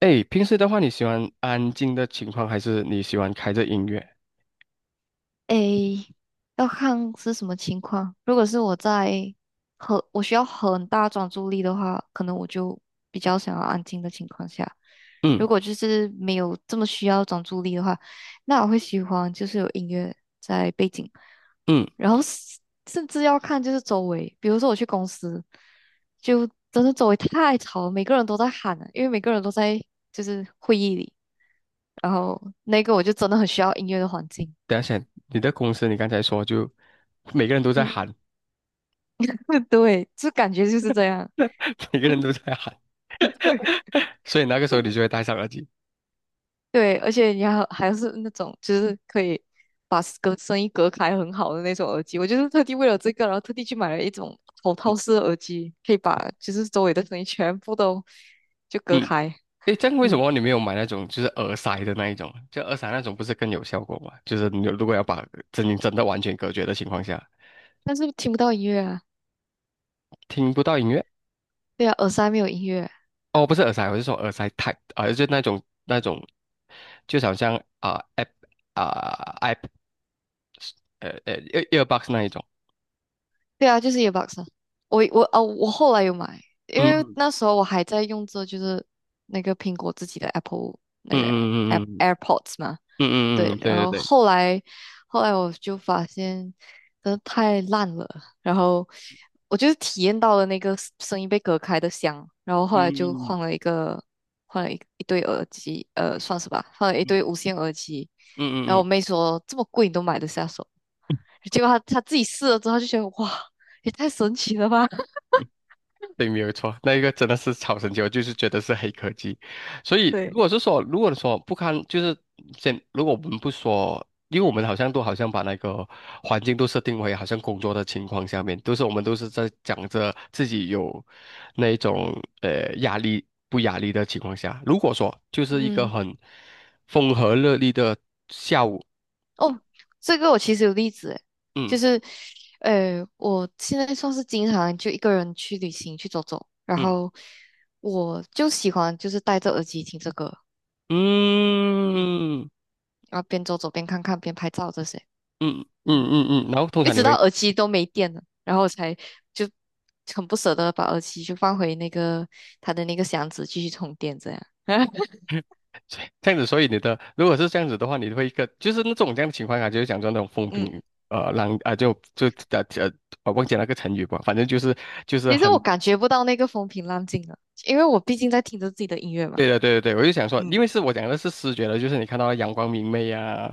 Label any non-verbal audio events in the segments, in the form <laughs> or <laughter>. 哎，平时的话，你喜欢安静的情况，还是你喜欢开着音乐？诶，要看是什么情况。如果是我在我需要很大专注力的话，可能我就比较想要安静的情况下。如嗯果就是没有这么需要专注力的话，那我会喜欢就是有音乐在背景，嗯，然后是甚至要看就是周围，比如说我去公司，就真的周围太吵了，每个人都在喊了，因为每个人都在就是会议里，然后那个我就真的很需要音乐的环境。等一下先，你的公司你刚才说就每个人都在嗯。喊。对，就感觉就是这样。<laughs> 每个人都在喊。<laughs> 对，<laughs> 所以那个时候你就会戴上耳机。对，而且你还是那种就是可以把隔声音隔开很好的那种耳机，我就是特地为了这个，然后特地去买了一种头套式的耳机，可以把就是周围的声音全部都就隔嗯。开，哎，这样为什嗯，么你没有买那种就是耳塞的那一种？就耳塞那种不是更有效果吗？就是你如果要把声音真的完全隔绝的情况下，但是听不到音乐啊，听不到音乐。对啊，耳塞没有音乐，哦，不是耳塞，我是说耳塞 type 啊、就那种，就好像啊、app 啊、app 呃呃 EAREARBOX 那一种。对啊，就是 earbuds 啊。我后来有买，因嗯为嗯那时候我还在用着就是那个苹果自己的 Apple 那个 嗯嗯 嗯 AirPods 嘛。嗯对，嗯，然对对后对。后来后来我就发现真的太烂了，然后我就是体验到了那个声音被隔开的香，然后后来就嗯换了一个换了一对嗯无线耳机。然嗯嗯后我嗯，妹说这么贵你都买得下手，结果他自己试了之后就觉得哇，也太神奇了吧 嗯。 <laughs> 对，没有错，那一个真的是超神奇，我就是觉得是黑科技。所 <laughs>！以，对，如果说不堪，就是先，如果我们不说，因为我们好像都把那个环境都设定为好像工作的情况下面，我们都是在讲着自己有那一种压力不压力的情况下，如果说就是一个嗯，很风和日丽的下午。哦，这个我其实有例子诶，就嗯。是，我现在算是经常就一个人去旅行去走走，然嗯。后我就喜欢就是戴着耳机听这个，嗯，嗯然后边走走边看看边拍照这些，嗯嗯嗯，嗯嗯。嗯，然后通一常你直到会 耳机都没电了，然后我才就很不舍得把耳机就放回那个它的那个箱子继续充电这样，<laughs> <laughs> 这样子，所以你的如果是这样子的话，你会一个就是那种这样的情况啊，就是讲说那种风嗯。平浪啊，就就呃呃，我忘记那个成语吧，反正就是其实我很。感觉不到那个风平浪静了，因为我毕竟在听着自己的音乐嘛。对的，对的，对的。我就想说，嗯，因为是我讲的是视觉的，就是你看到阳光明媚呀、啊，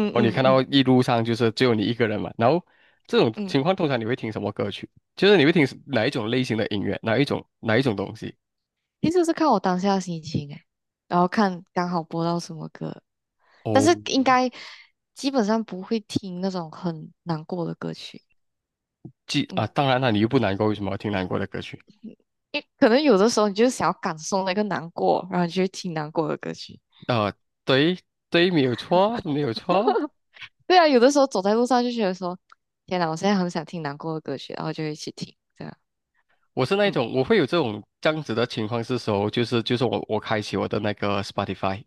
然后你看嗯到嗯一路上就是只有你一个人嘛，然后这种嗯，情况通常你会听什么歌曲？就是你会听哪一种类型的音乐，哪一种东西？其实是看我当下的心情诶，然后看刚好播到什么歌，但是哦，应该基本上不会听那种很难过的歌曲。记啊，嗯，当然了，你又不难过，为什么要听难过的歌曲？因可能有的时候你就是想要感受那个难过，然后你就会听难过的歌曲。啊、对对，没有错，没有错。对啊，有的时候走在路上就觉得说，天哪，我现在很想听难过的歌曲，然后就一起听。这样，我是那一嗯，种，我会有这种这样子的情况是时候，就是我开启我的那个 Spotify，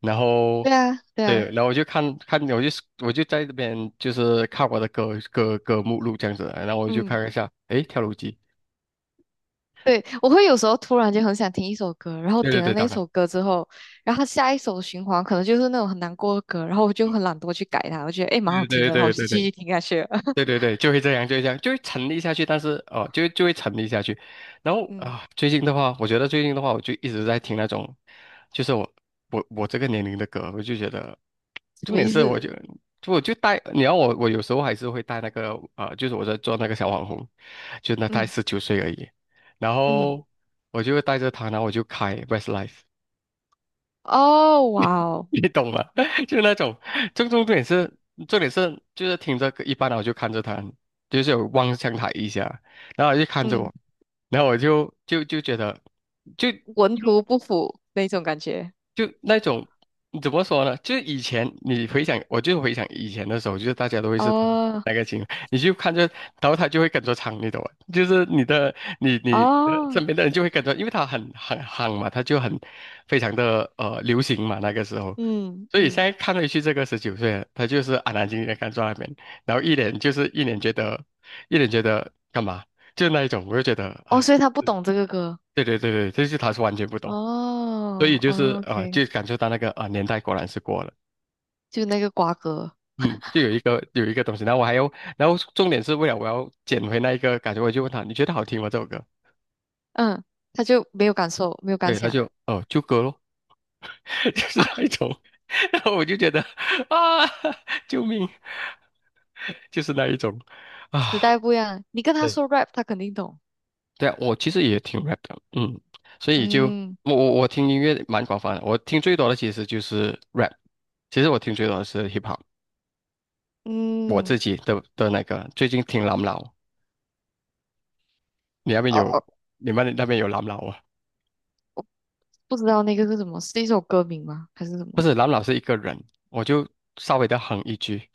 然后对啊，对啊，对，然后我就看看，我就在这边就是看我的歌目录这样子，然后我就嗯。看一下，诶，跳楼机。对，我会有时候突然间很想听一首歌，然后对对点了对，那当然。首歌之后，然后它下一首循环可能就是那种很难过的歌，然后我就很懒惰去改它，我觉得诶蛮好对听对的，然后我对就对继续对听下去了。<laughs> 对对对，就会这样，就会沉溺下去。但是哦，就会沉溺下去。然后嗯，啊，最近的话，我觉得最近的话，我就一直在听那种，就是我这个年龄的歌，我就觉得，什重么点意是我思？就我就带，你要我有时候还是会带那个啊，就是我在做那个小网红，就那才嗯十九岁而已，然嗯，后我就带着他，然后我就开 Westlife。哦哇哦，你懂吗？<laughs> 就是那种，重重点是，重点是，就是听着歌一般我就看着他，就是有望向他一下，然后他就看着嗯，我，然后我就觉得，就文图不符那种感觉。就那种怎么说呢？就是以前你回想，我就回想以前的时候，就是大家都会是哦那个情况，你就看着，然后他就会跟着唱，你懂吗？就是你的，你的哦，身边的人就会跟着，因为他很夯嘛，他就很非常的流行嘛，那个时候。嗯所以现嗯，在看回去，这个十九岁了他就是安安静静的看着那边，然后一脸觉得，一脸觉得干嘛，就那一种，我就觉得，哦，哎，所以他不懂这个歌。对对对对，这就是他是完全不懂。所以哦就是哦啊、，OK，就感受到那个啊、年代果然是过了。就那个瓜葛，嗯，就有一个东西，然后我还要，然后重点是为了我要捡回那一个感觉，我就问他你觉得好听吗这首歌？嗯，他就没有感受，没有感对，他想。就哦、就歌咯。<laughs> 就是那一种。<laughs> 然后我就觉得啊救命，就是那一种时啊。代不一样，你跟他对。说 rap，他肯定懂。对啊，我其实也挺 rap 的，嗯，所以就嗯我我我听音乐蛮广泛的。我听最多的其实就是 rap，其实我听最多的是 hip hop，我自嗯，己的那个最近听朗朗。你那边哦有哦，你们那边有蓝老啊？我不知道那个是什么，是一首歌名吗？还是什不么？是，蓝老是一个人，我就稍微的哼一句，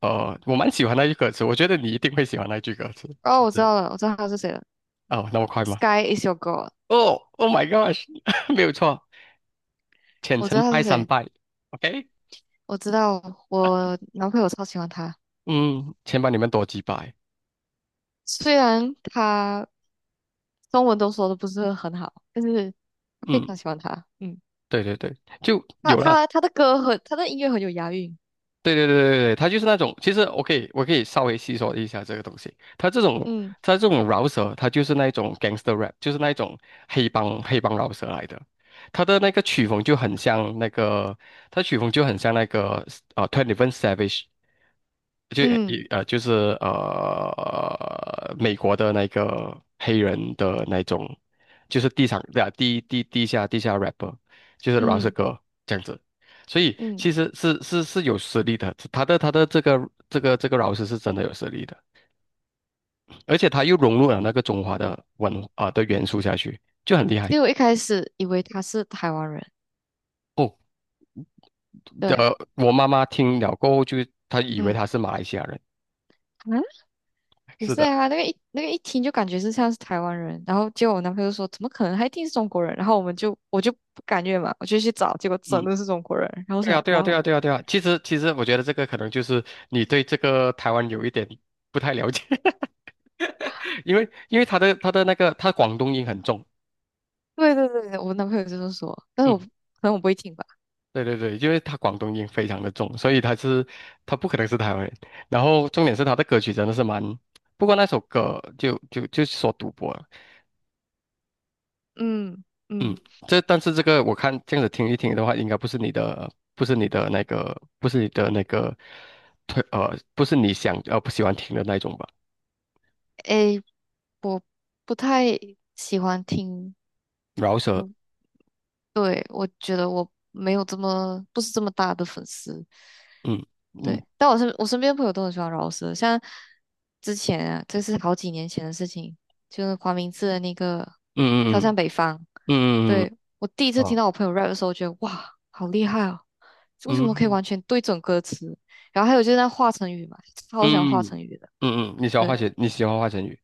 呃，我蛮喜欢那句歌词，我觉得你一定会喜欢那句歌词。就哦，我知是道了，我知道他是谁了哦，那么快吗？，Sky is your girl。哦，Oh my gosh。<laughs> 没有错。浅我知城道他拜是三谁，拜，OK，我知道我男朋友超喜欢他，嗯，先把你们多几百，虽然他中文都说的不是很好，但是非嗯，常喜欢他。嗯，对对对，就他有了。他他的歌很，他的音乐很有押韵。对对对对对，它就是那种，其实我可以稍微细说一下这个东西。嗯它这种饶舌，它就是那种 gangster rap，就是那种黑帮饶舌来的。它的那个曲风就很像那个，它曲风就很像那个Twenty One Savage，就嗯一呃，就是呃，美国的那个黑人的那种，就是地上对啊，地下 rapper，就是饶舌嗯歌这样子。所以嗯，其实是有实力的，他的这个饶舌是真的有实力的，而且他又融入了那个中华的文啊、的元素下去，就很厉害因为我一开始以为他是台湾人，哦。对。呃，我妈妈听了过后就她以为嗯。他是马来西亚人，嗯，不是是的，啊，那个一听就感觉是像是台湾人，然后结果我男朋友就说怎么可能，他一定是中国人，然后我就不甘愿嘛，我就去找，结果真的嗯。是中国人，然后我对想啊，对啊，哇对啊，哦，对啊，对啊。其实，其实我觉得这个可能就是你对这个台湾有一点不太了解。<laughs> 因为他的他的那个他广东音很重，对对对，我男朋友就是说，但是嗯，我不会听吧，对对对，因为他广东音非常的重，所以他不可能是台湾人。然后重点是他的歌曲真的是蛮，不过那首歌就就就是说赌博了，嗯嗯，嗯，但是这个我看这样子听一听的话，应该不是你的，不是你的那个推，不是你想不喜欢听的那种吧，诶，我不太喜欢听，饶舌。嗯，对，我觉得我没有这么不是这么大的粉丝，嗯。嗯。对，但我身边的朋友都很喜欢饶舌，像之前啊，这是好几年前的事情，就是黄明志的那个《飘嗯向北方》。嗯嗯对，我第一次听嗯到我朋友 rap 的时候，觉得哇，好厉害哦！为什嗯么可以嗯嗯完全对准歌词？然后还有就是那华晨宇嘛，超喜嗯欢华嗯。晨宇的。嗯嗯，你喜欢对，你喜欢花钱鱼，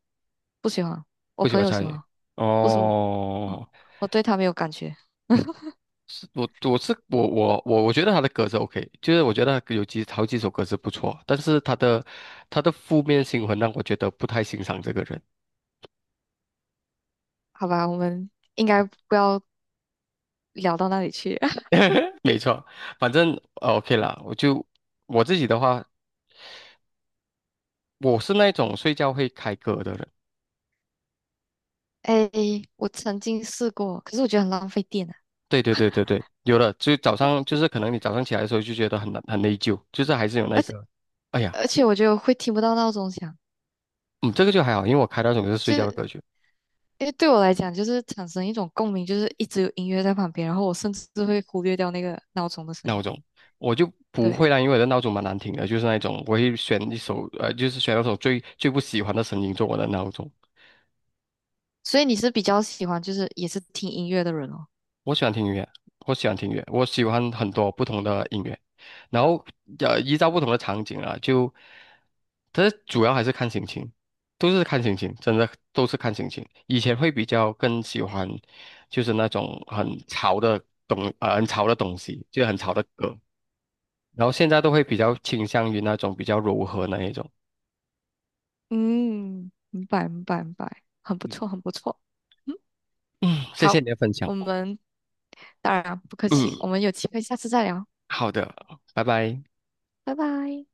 不喜欢，我不喜朋欢友鲨喜鱼。欢，不是我。嗯，哦。我对他没有感觉。嗯。是我我是我我我我觉得他的歌是 OK，就是我觉得他有几好几首歌是不错，但是他的负面新闻让我觉得不太欣赏这个人。好吧，我们应该不要聊到那里去。<laughs> <laughs> 没错，反正OK 啦，我自己的话，我是那种睡觉会开歌的人。哎，我曾经试过，可是我觉得很浪费电啊。对对对对对，有的，就早上就是可能你早上起来的时候就觉得很难很内疚，就是还是有那个，哎呀，而且我觉得我会听不到闹钟响，嗯，这个就还好，因为我开那种就是睡就觉的是歌曲因为对我来讲，就是产生一种共鸣，就是一直有音乐在旁边，然后我甚至会忽略掉那个闹钟的声闹音。钟，我就不对，会啦，因为我的闹钟蛮难听的，就是那种我会选一首，就是选那种最不喜欢的声音做我的闹钟。所以你是比较喜欢就是也是听音乐的人哦。我喜欢听音乐，我喜欢很多不同的音乐，然后，依照不同的场景啊，就，但是主要还是看心情，真的都是看心情。以前会比较更喜欢，就是那种很潮的很潮的东西，就很潮的歌，然后现在都会比较倾向于那种比较柔和那一种。嗯，明白明白明白，很不错很不错。嗯，嗯，谢谢好，你的分享。我们当然不客气，嗯，我们有机会下次再聊，好的，拜拜。拜拜。